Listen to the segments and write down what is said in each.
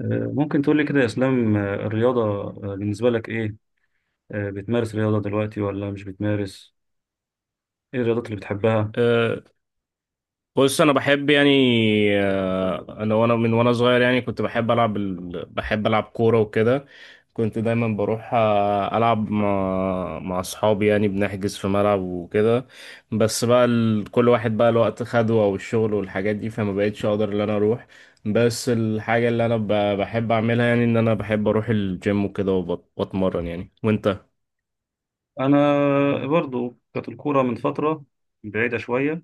ممكن تقول لي كده يا اسلام، الرياضة، بالنسبة لك ايه؟ بتمارس رياضة دلوقتي ولا مش بتمارس؟ ايه الرياضات اللي بتحبها؟ أه، بص انا بحب يعني انا من وانا صغير يعني كنت بحب العب ال... بحب العب كوره وكده. كنت دايما بروح العب مع اصحابي يعني بنحجز في ملعب وكده. بس بقى كل واحد بقى الوقت خده او الشغل والحاجات دي، فما بقتش اقدر ان انا اروح. بس الحاجه اللي انا بحب اعملها يعني ان انا بحب اروح الجيم وكده واتمرن يعني، وانت؟ انا برضو كانت الكورة من فترة بعيدة شوية،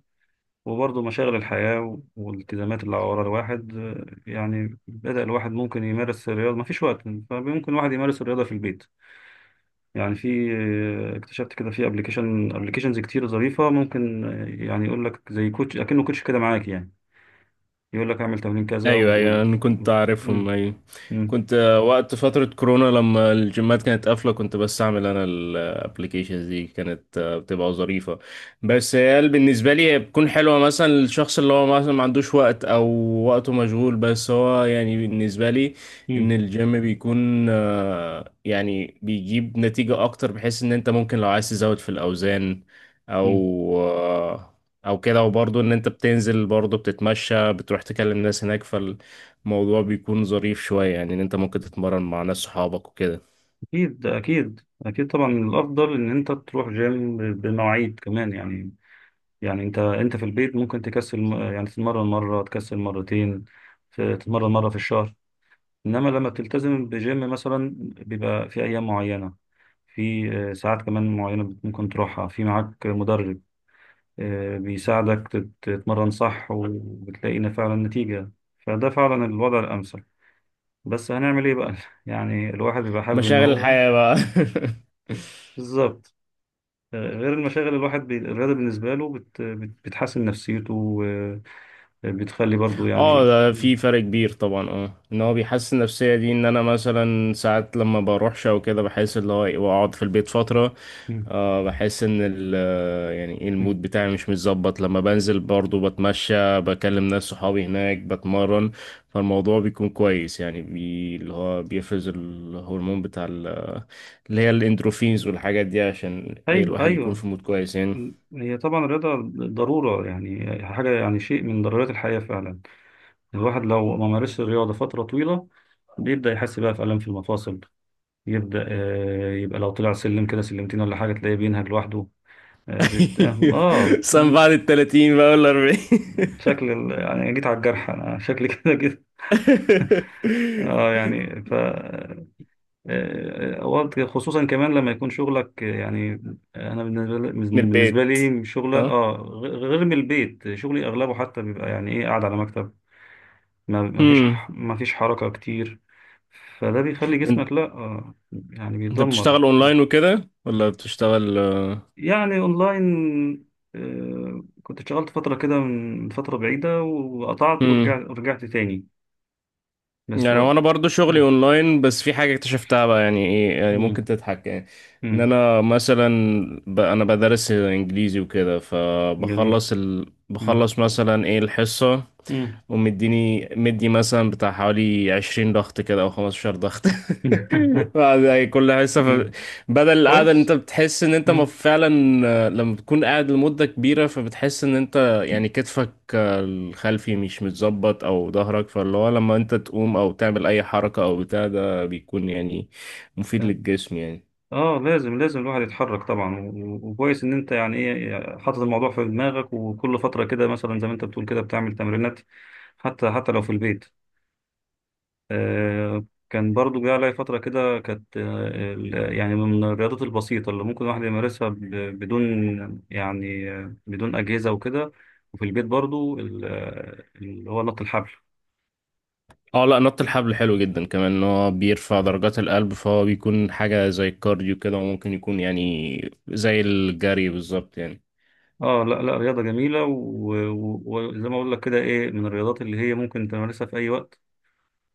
وبرضو مشاغل الحياة والالتزامات اللي على ورا الواحد، يعني بدأ الواحد ممكن يمارس الرياضة، مفيش وقت. فممكن الواحد يمارس الرياضة في البيت. يعني في، اكتشفت كده في ابلكيشنز كتير ظريفة، ممكن يعني يقول لك زي كوتش اكنه كوتش كده معاك، يعني يقول لك اعمل تمرين كذا ايوه ايوه، انا كنت عارفهم، مم. ايوه. مم. كنت وقت فترة كورونا لما الجيمات كانت قافلة كنت بستعمل انا الابليكيشنز دي، كانت بتبقى ظريفة. بس هي بالنسبة لي هي بتكون حلوة مثلا للشخص اللي هو مثلا ما عندوش وقت او وقته مشغول، بس هو يعني بالنسبة لي ان مم. الجيم بيكون يعني بيجيب نتيجة اكتر، بحيث ان انت ممكن لو عايز تزود في الاوزان او مم. آه، او كده. وبرضه ان انت بتنزل برضه بتتمشى بتروح تكلم ناس هناك، فالموضوع بيكون ظريف شوية يعني ان انت ممكن تتمرن مع ناس صحابك وكده. اكيد اكيد اكيد، طبعا الافضل ان انت تروح جيم بمواعيد كمان، يعني. يعني انت في البيت ممكن تكسل، يعني تتمرن مره، تكسل مرتين. تتمرن مره في الشهر. انما لما بتلتزم بجيم مثلا، بيبقى في ايام معينه. في ساعات كمان معينه، ممكن تروحها، في معاك مدرب. بيساعدك تتمرن صح، وبتلاقي إن فعلا نتيجه. فده فعلا الوضع الامثل. بس هنعمل ايه بقى؟ يعني الواحد بيبقى حابب ان مشاغل هو. الحياة بقى. بالظبط. غير المشاغل، الواحد الرياضة بالنسبة له بتحسن نفسيته. وبتخلي برضو اه يعني. ده مم. في فرق كبير طبعا، اه ان هو بيحسن النفسيه دي، ان انا مثلا ساعات لما بروحش او كده بحس اللي هو إيه، واقعد في البيت فتره. مم. بحس ان ال آه، يعني إيه، مم. المود بتاعي مش متظبط. لما بنزل برضو بتمشى بكلم ناس صحابي هناك بتمرن، فالموضوع بيكون كويس يعني بي اللي هو بيفرز الهرمون بتاع اللي هي الاندروفينز والحاجات دي عشان ايه ايوه، الواحد يكون ايوه. في مود كويس يعني. هي طبعا الرياضة ضرورة، يعني حاجة، يعني شيء من ضرورات الحياة فعلا. الواحد لو ما مارسش الرياضة فترة طويلة، بيبدأ يحس بقى في ألم في المفاصل. يبدأ يبقى لو طلع سلم كده، سلمتين ولا حاجة، تلاقيه بينهج لوحده. آه بت... اه آه، سنة مم. بعد التلاتين بقى ولا 40. يعني أنا جيت على الجرح، انا شكلي كده جيت. اه يعني اوقات خصوصا كمان لما يكون شغلك، يعني. انا بالنسبه لي من بالنسبه البيت. لي شغله، اه. غير من البيت، شغلي اغلبه حتى بيبقى يعني ايه قاعد على مكتب. ما ما فيش هم. ح- ما فيش حركه كتير. فده بيخلي جسمك لا، يعني انت بيتدمر. بتشتغل اونلاين وكده ولا بتشتغل يعني اونلاين. كنت اشتغلت فترة كده من فترة بعيدة، وقطعت هم؟ ورجعت تاني. بس يعني هو هو. انا برضو شغلي اونلاين، بس في حاجه اكتشفتها بقى يعني ايه، يعني مم. ممكن تضحك يعني. ان مم. انا مثلا انا بدرس انجليزي وكده، جميل. فبخلص مم. بخلص مثلا ايه الحصه، مم. ومديني مثلا بتاع حوالي 20 ضغط كده او 15 ضغط. بعد يعني كل حصة ف... مم. بدل القعدة اللي انت كويس. بتحس ان انت مم. فعلا لما بتكون قاعد لمدة كبيرة، فبتحس ان انت يعني كتفك الخلفي مش متظبط او ظهرك، فاللي هو لما انت تقوم او تعمل اي حركة او بتاع ده بيكون يعني مفيد للجسم يعني. اه، لازم لازم الواحد يتحرك طبعا، وكويس ان انت يعني ايه حاطط الموضوع في دماغك، وكل فتره كده مثلا زي ما انت بتقول كده بتعمل تمرينات. حتى حتى لو في البيت. كان برضو جه عليا فتره كده، كانت. آه يعني من الرياضات البسيطه اللي ممكن الواحد يمارسها بدون، يعني بدون اجهزه وكده. وفي البيت برضو، اللي هو نط الحبل. اه لا، نط الحبل حلو جدا كمان، ان هو بيرفع درجات القلب، فهو بيكون حاجة زي الكارديو كده وممكن يكون يعني زي الجري بالظبط يعني. اه، لا لا رياضة جميلة، وزي ما اقول لك كده، ايه من الرياضات اللي هي ممكن تمارسها في اي وقت.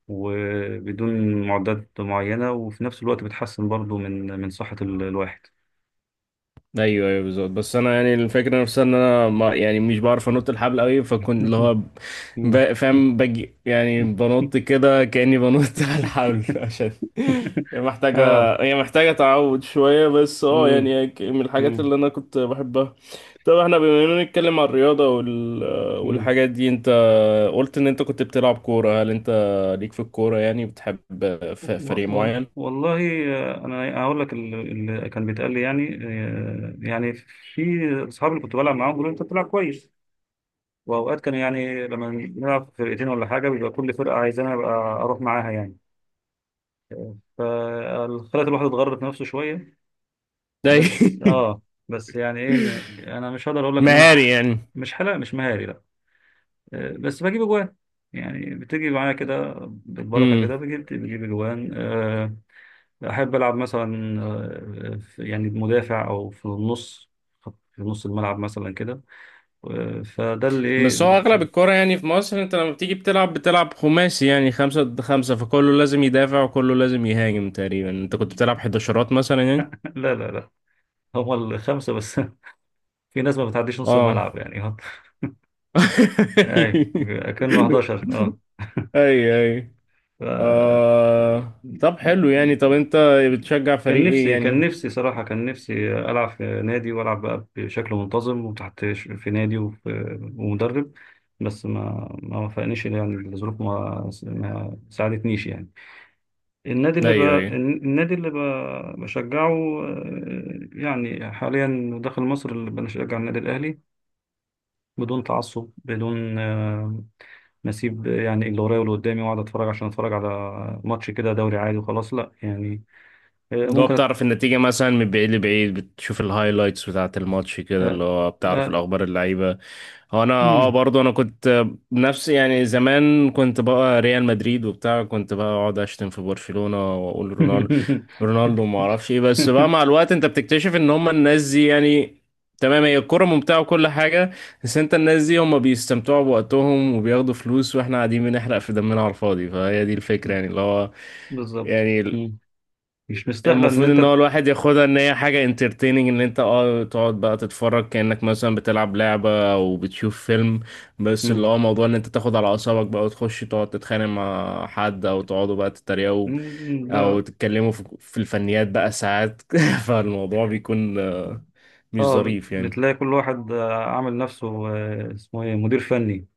وبدون معدات معينة، وفي نفس الوقت بتحسن برضو من صحة الواحد. ايوه ايوه بالظبط. بس انا يعني الفكره نفسها ان انا ما يعني مش بعرف انط الحبل قوي، فكنت اللي هو فاهم، بجي يعني بنط كده كاني بنط على الحبل، عشان هي محتاجه اه. هي محتاجه تعود شويه. بس اه مم. يعني هي ك- من الحاجات مم. اللي انا كنت بحبها. طب احنا بما اننا نتكلم عن الرياضه مم. والحاجات دي، انت قلت ان انت كنت بتلعب كوره، هل انت ليك في الكوره يعني بتحب فريق معين؟ والله، انا هقول لك اللي كان بيتقال لي، يعني يعني، في. اصحابي اللي كنت بلعب معاهم بيقولوا انت بتلعب كويس. واوقات كان يعني لما نلعب فرقتين ولا حاجه، بيبقى كل فرقه عايزاني ابقى اروح معاها، يعني. فخلت الواحد يتغرب في نفسه شوية. ده بس اه. بس يعني ايه، انا مش هقدر اقول لك ان انا مهاري يعني. مش مهاري، لا. بس بجيب اجوان. يعني بتيجي معايا كده بالبركة كده، بجيب اجوان. احب العب مثلا، يعني بمدافع او في النص، في نص الملعب مثلا كده. فده اللي بس ايه. هو اغلب الكرة يعني في مصر انت لما بتيجي بتلعب، بتلعب خماسي يعني 5 ضد 5، فكله لازم يدافع وكله لازم يهاجم تقريبا. انت كنت بتلعب حداشرات مثلا يعني؟ لا لا لا، هما الخمسة بس. في ناس ما بتعديش نص اه. الملعب، يعني. اي. كانوا 11، اه. اي اي. ف... آه... طب حلو يعني، طب انت بتشجع كان فريق ايه نفسي كان يعني؟ نفسي صراحة، كان نفسي ألعب في نادي، وألعب بقى بشكل منتظم وتحت في نادي، وفي. ومدرب. بس ما وفقنيش، يعني الظروف ما ساعدتنيش، يعني. النادي اللي ب... ايوه ايوه، النادي اللي بشجعه. يعني حاليا داخل مصر، اللي بنشجع النادي الأهلي. بدون تعصب، بدون نسيب، يعني اللي ورايا واللي قدامي، واقعد اتفرج، عشان اتفرج على ماتش كده، دوري عادي وخلاص، لا يعني. اللي هو ممكن أت... بتعرف النتيجة مثلا من بعيد لبعيد، بتشوف الهايلايتس بتاعة الماتش كده، آه، اللي هو بتعرف آه، الأخبار اللعيبة. هو أنا اه مم. برضه أنا كنت نفسي يعني زمان كنت بقى ريال مدريد وبتاع، كنت بقى أقعد أشتم في برشلونة وأقول رونالدو رونالدو ما أعرفش إيه. بس بقى مع الوقت أنت بتكتشف إن هما الناس دي يعني، تمام هي الكرة ممتعة وكل حاجة، بس أنت الناس دي هما بيستمتعوا بوقتهم وبياخدوا فلوس وإحنا قاعدين بنحرق في دمنا على الفاضي. فهي دي الفكرة يعني اللي هو بالظبط. يعني مم. مش مستاهله ان المفروض انت. ان هو الواحد ياخدها ان هي حاجة انترتيننج، ان انت اه تقعد بقى تتفرج كأنك مثلا بتلعب لعبة او بتشوف فيلم. بس اللي مم. هو موضوع ان انت تاخد على اعصابك بقى وتخش تقعد تتخانق مع حد، او تقعدوا بقى تتريقوا، مم، او لا. تتكلموا في الفنيات بقى ساعات فالموضوع بيكون مش اه، ظريف يعني. بتلاقي كل واحد عامل نفسه، اسمه ايه مدير فني.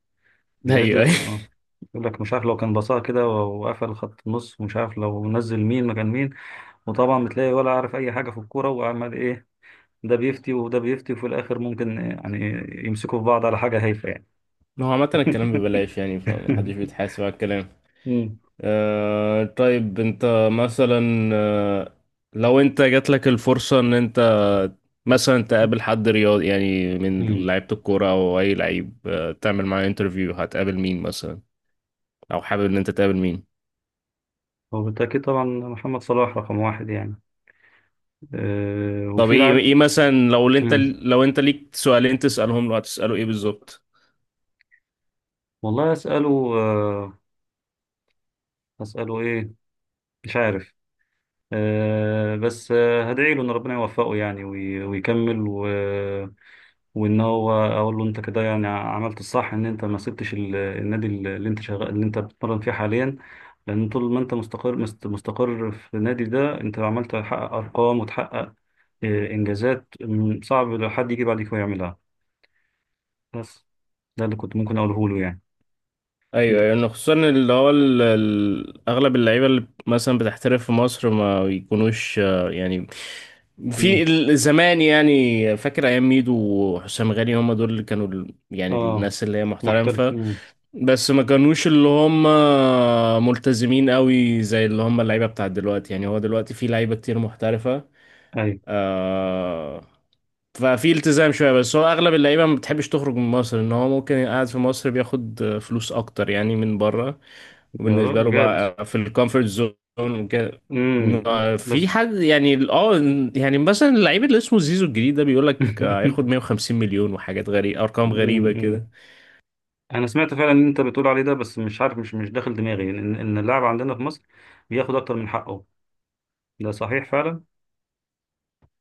بيعيش. ايوه ايوه، يقول لك مش عارف لو كان بصاها كده وقفل خط النص، ومش عارف لو نزل مين مكان مين. وطبعا بتلاقي ولا عارف اي حاجه في الكوره، وعمال ايه. ده بيفتي وده بيفتي، وفي الآخر ممكن يعني يمسكوا في بعض على حاجة هايفة، يعني. هو عامة الكلام ببلاش يعني، فمحدش بيتحاسب على الكلام. مم. طيب انت مثلا لو انت جات لك الفرصة ان انت مثلا تقابل حد رياضي يعني من مم. لعيبة الكورة او اي لعيب، آه تعمل معاه انترفيو، هتقابل مين مثلا او حابب ان انت تقابل مين؟ هو بالتأكيد طبعا محمد صلاح رقم واحد، يعني. أه، طب وفي ايه ايه لعب. مثلا، لو انت مم. لو انت ليك سؤالين تسألهم له، هتسأله ايه بالظبط؟ والله أسأله، أسأله إيه؟ مش عارف. أه، بس هدعي له إن ربنا يوفقه يعني، ويكمل وإن هو أقول له، أنت كده يعني عملت الصح، إن أنت ما سبتش النادي اللي أنت شغال، اللي أنت بتتمرن فيه حاليا. لأن طول ما أنت مستقر، مستقر في النادي ده، أنت عمال تحقق أرقام وتحقق إنجازات، صعب لو حد يجي بعدك ويعملها. بس ده اللي كنت ممكن أقوله له، يعني. أنت. ايوه يعني خصوصا اللي هو اغلب اللعيبه اللي مثلا بتحترف في مصر ما بيكونوش يعني مم. في زمان يعني فاكر ايام ميدو وحسام غالي، هم دول اللي كانوا يعني آه الناس اللي هي محترف. محترفه. مم. بس ما كانوش اللي هم ملتزمين قوي زي اللي هم اللعيبه بتاعت دلوقتي يعني. هو دلوقتي في لعيبه كتير محترفه، أيوة. آه ففي التزام شويه. بس هو اغلب اللعيبه ما بتحبش تخرج من مصر، ان هو ممكن قاعد في مصر بياخد فلوس اكتر يعني من بره، يا رب وبالنسبه له بجد. بقى في الكومفورت زون وكده. مم. ما في بس. حد يعني يعني مثلا اللعيب اللي اسمه زيزو الجديد ده بيقول لك هياخد 150 مليون، وحاجات غريبه، ارقام مم. غريبه مم. كده. أنا سمعت فعلا إن أنت بتقول عليه ده، بس مش عارف، مش داخل دماغي إن اللاعب عندنا في مصر بياخد أكتر من حقه. ده صحيح فعلا.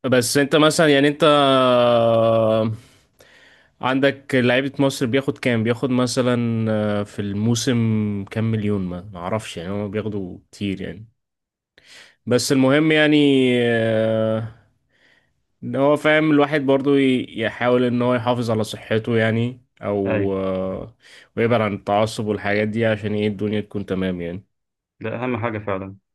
بس انت مثلا يعني انت عندك لعيبه مصر بياخد كام، بياخد مثلا في الموسم كام مليون؟ ما اعرفش يعني، هم بياخدوا كتير يعني. بس المهم يعني آه، ان هو فاهم الواحد برضو يحاول ان هو يحافظ على صحته يعني أيوة. او آه، ويبعد عن التعصب والحاجات دي عشان ايه الدنيا تكون تمام يعني. ده أهم حاجة فعلا.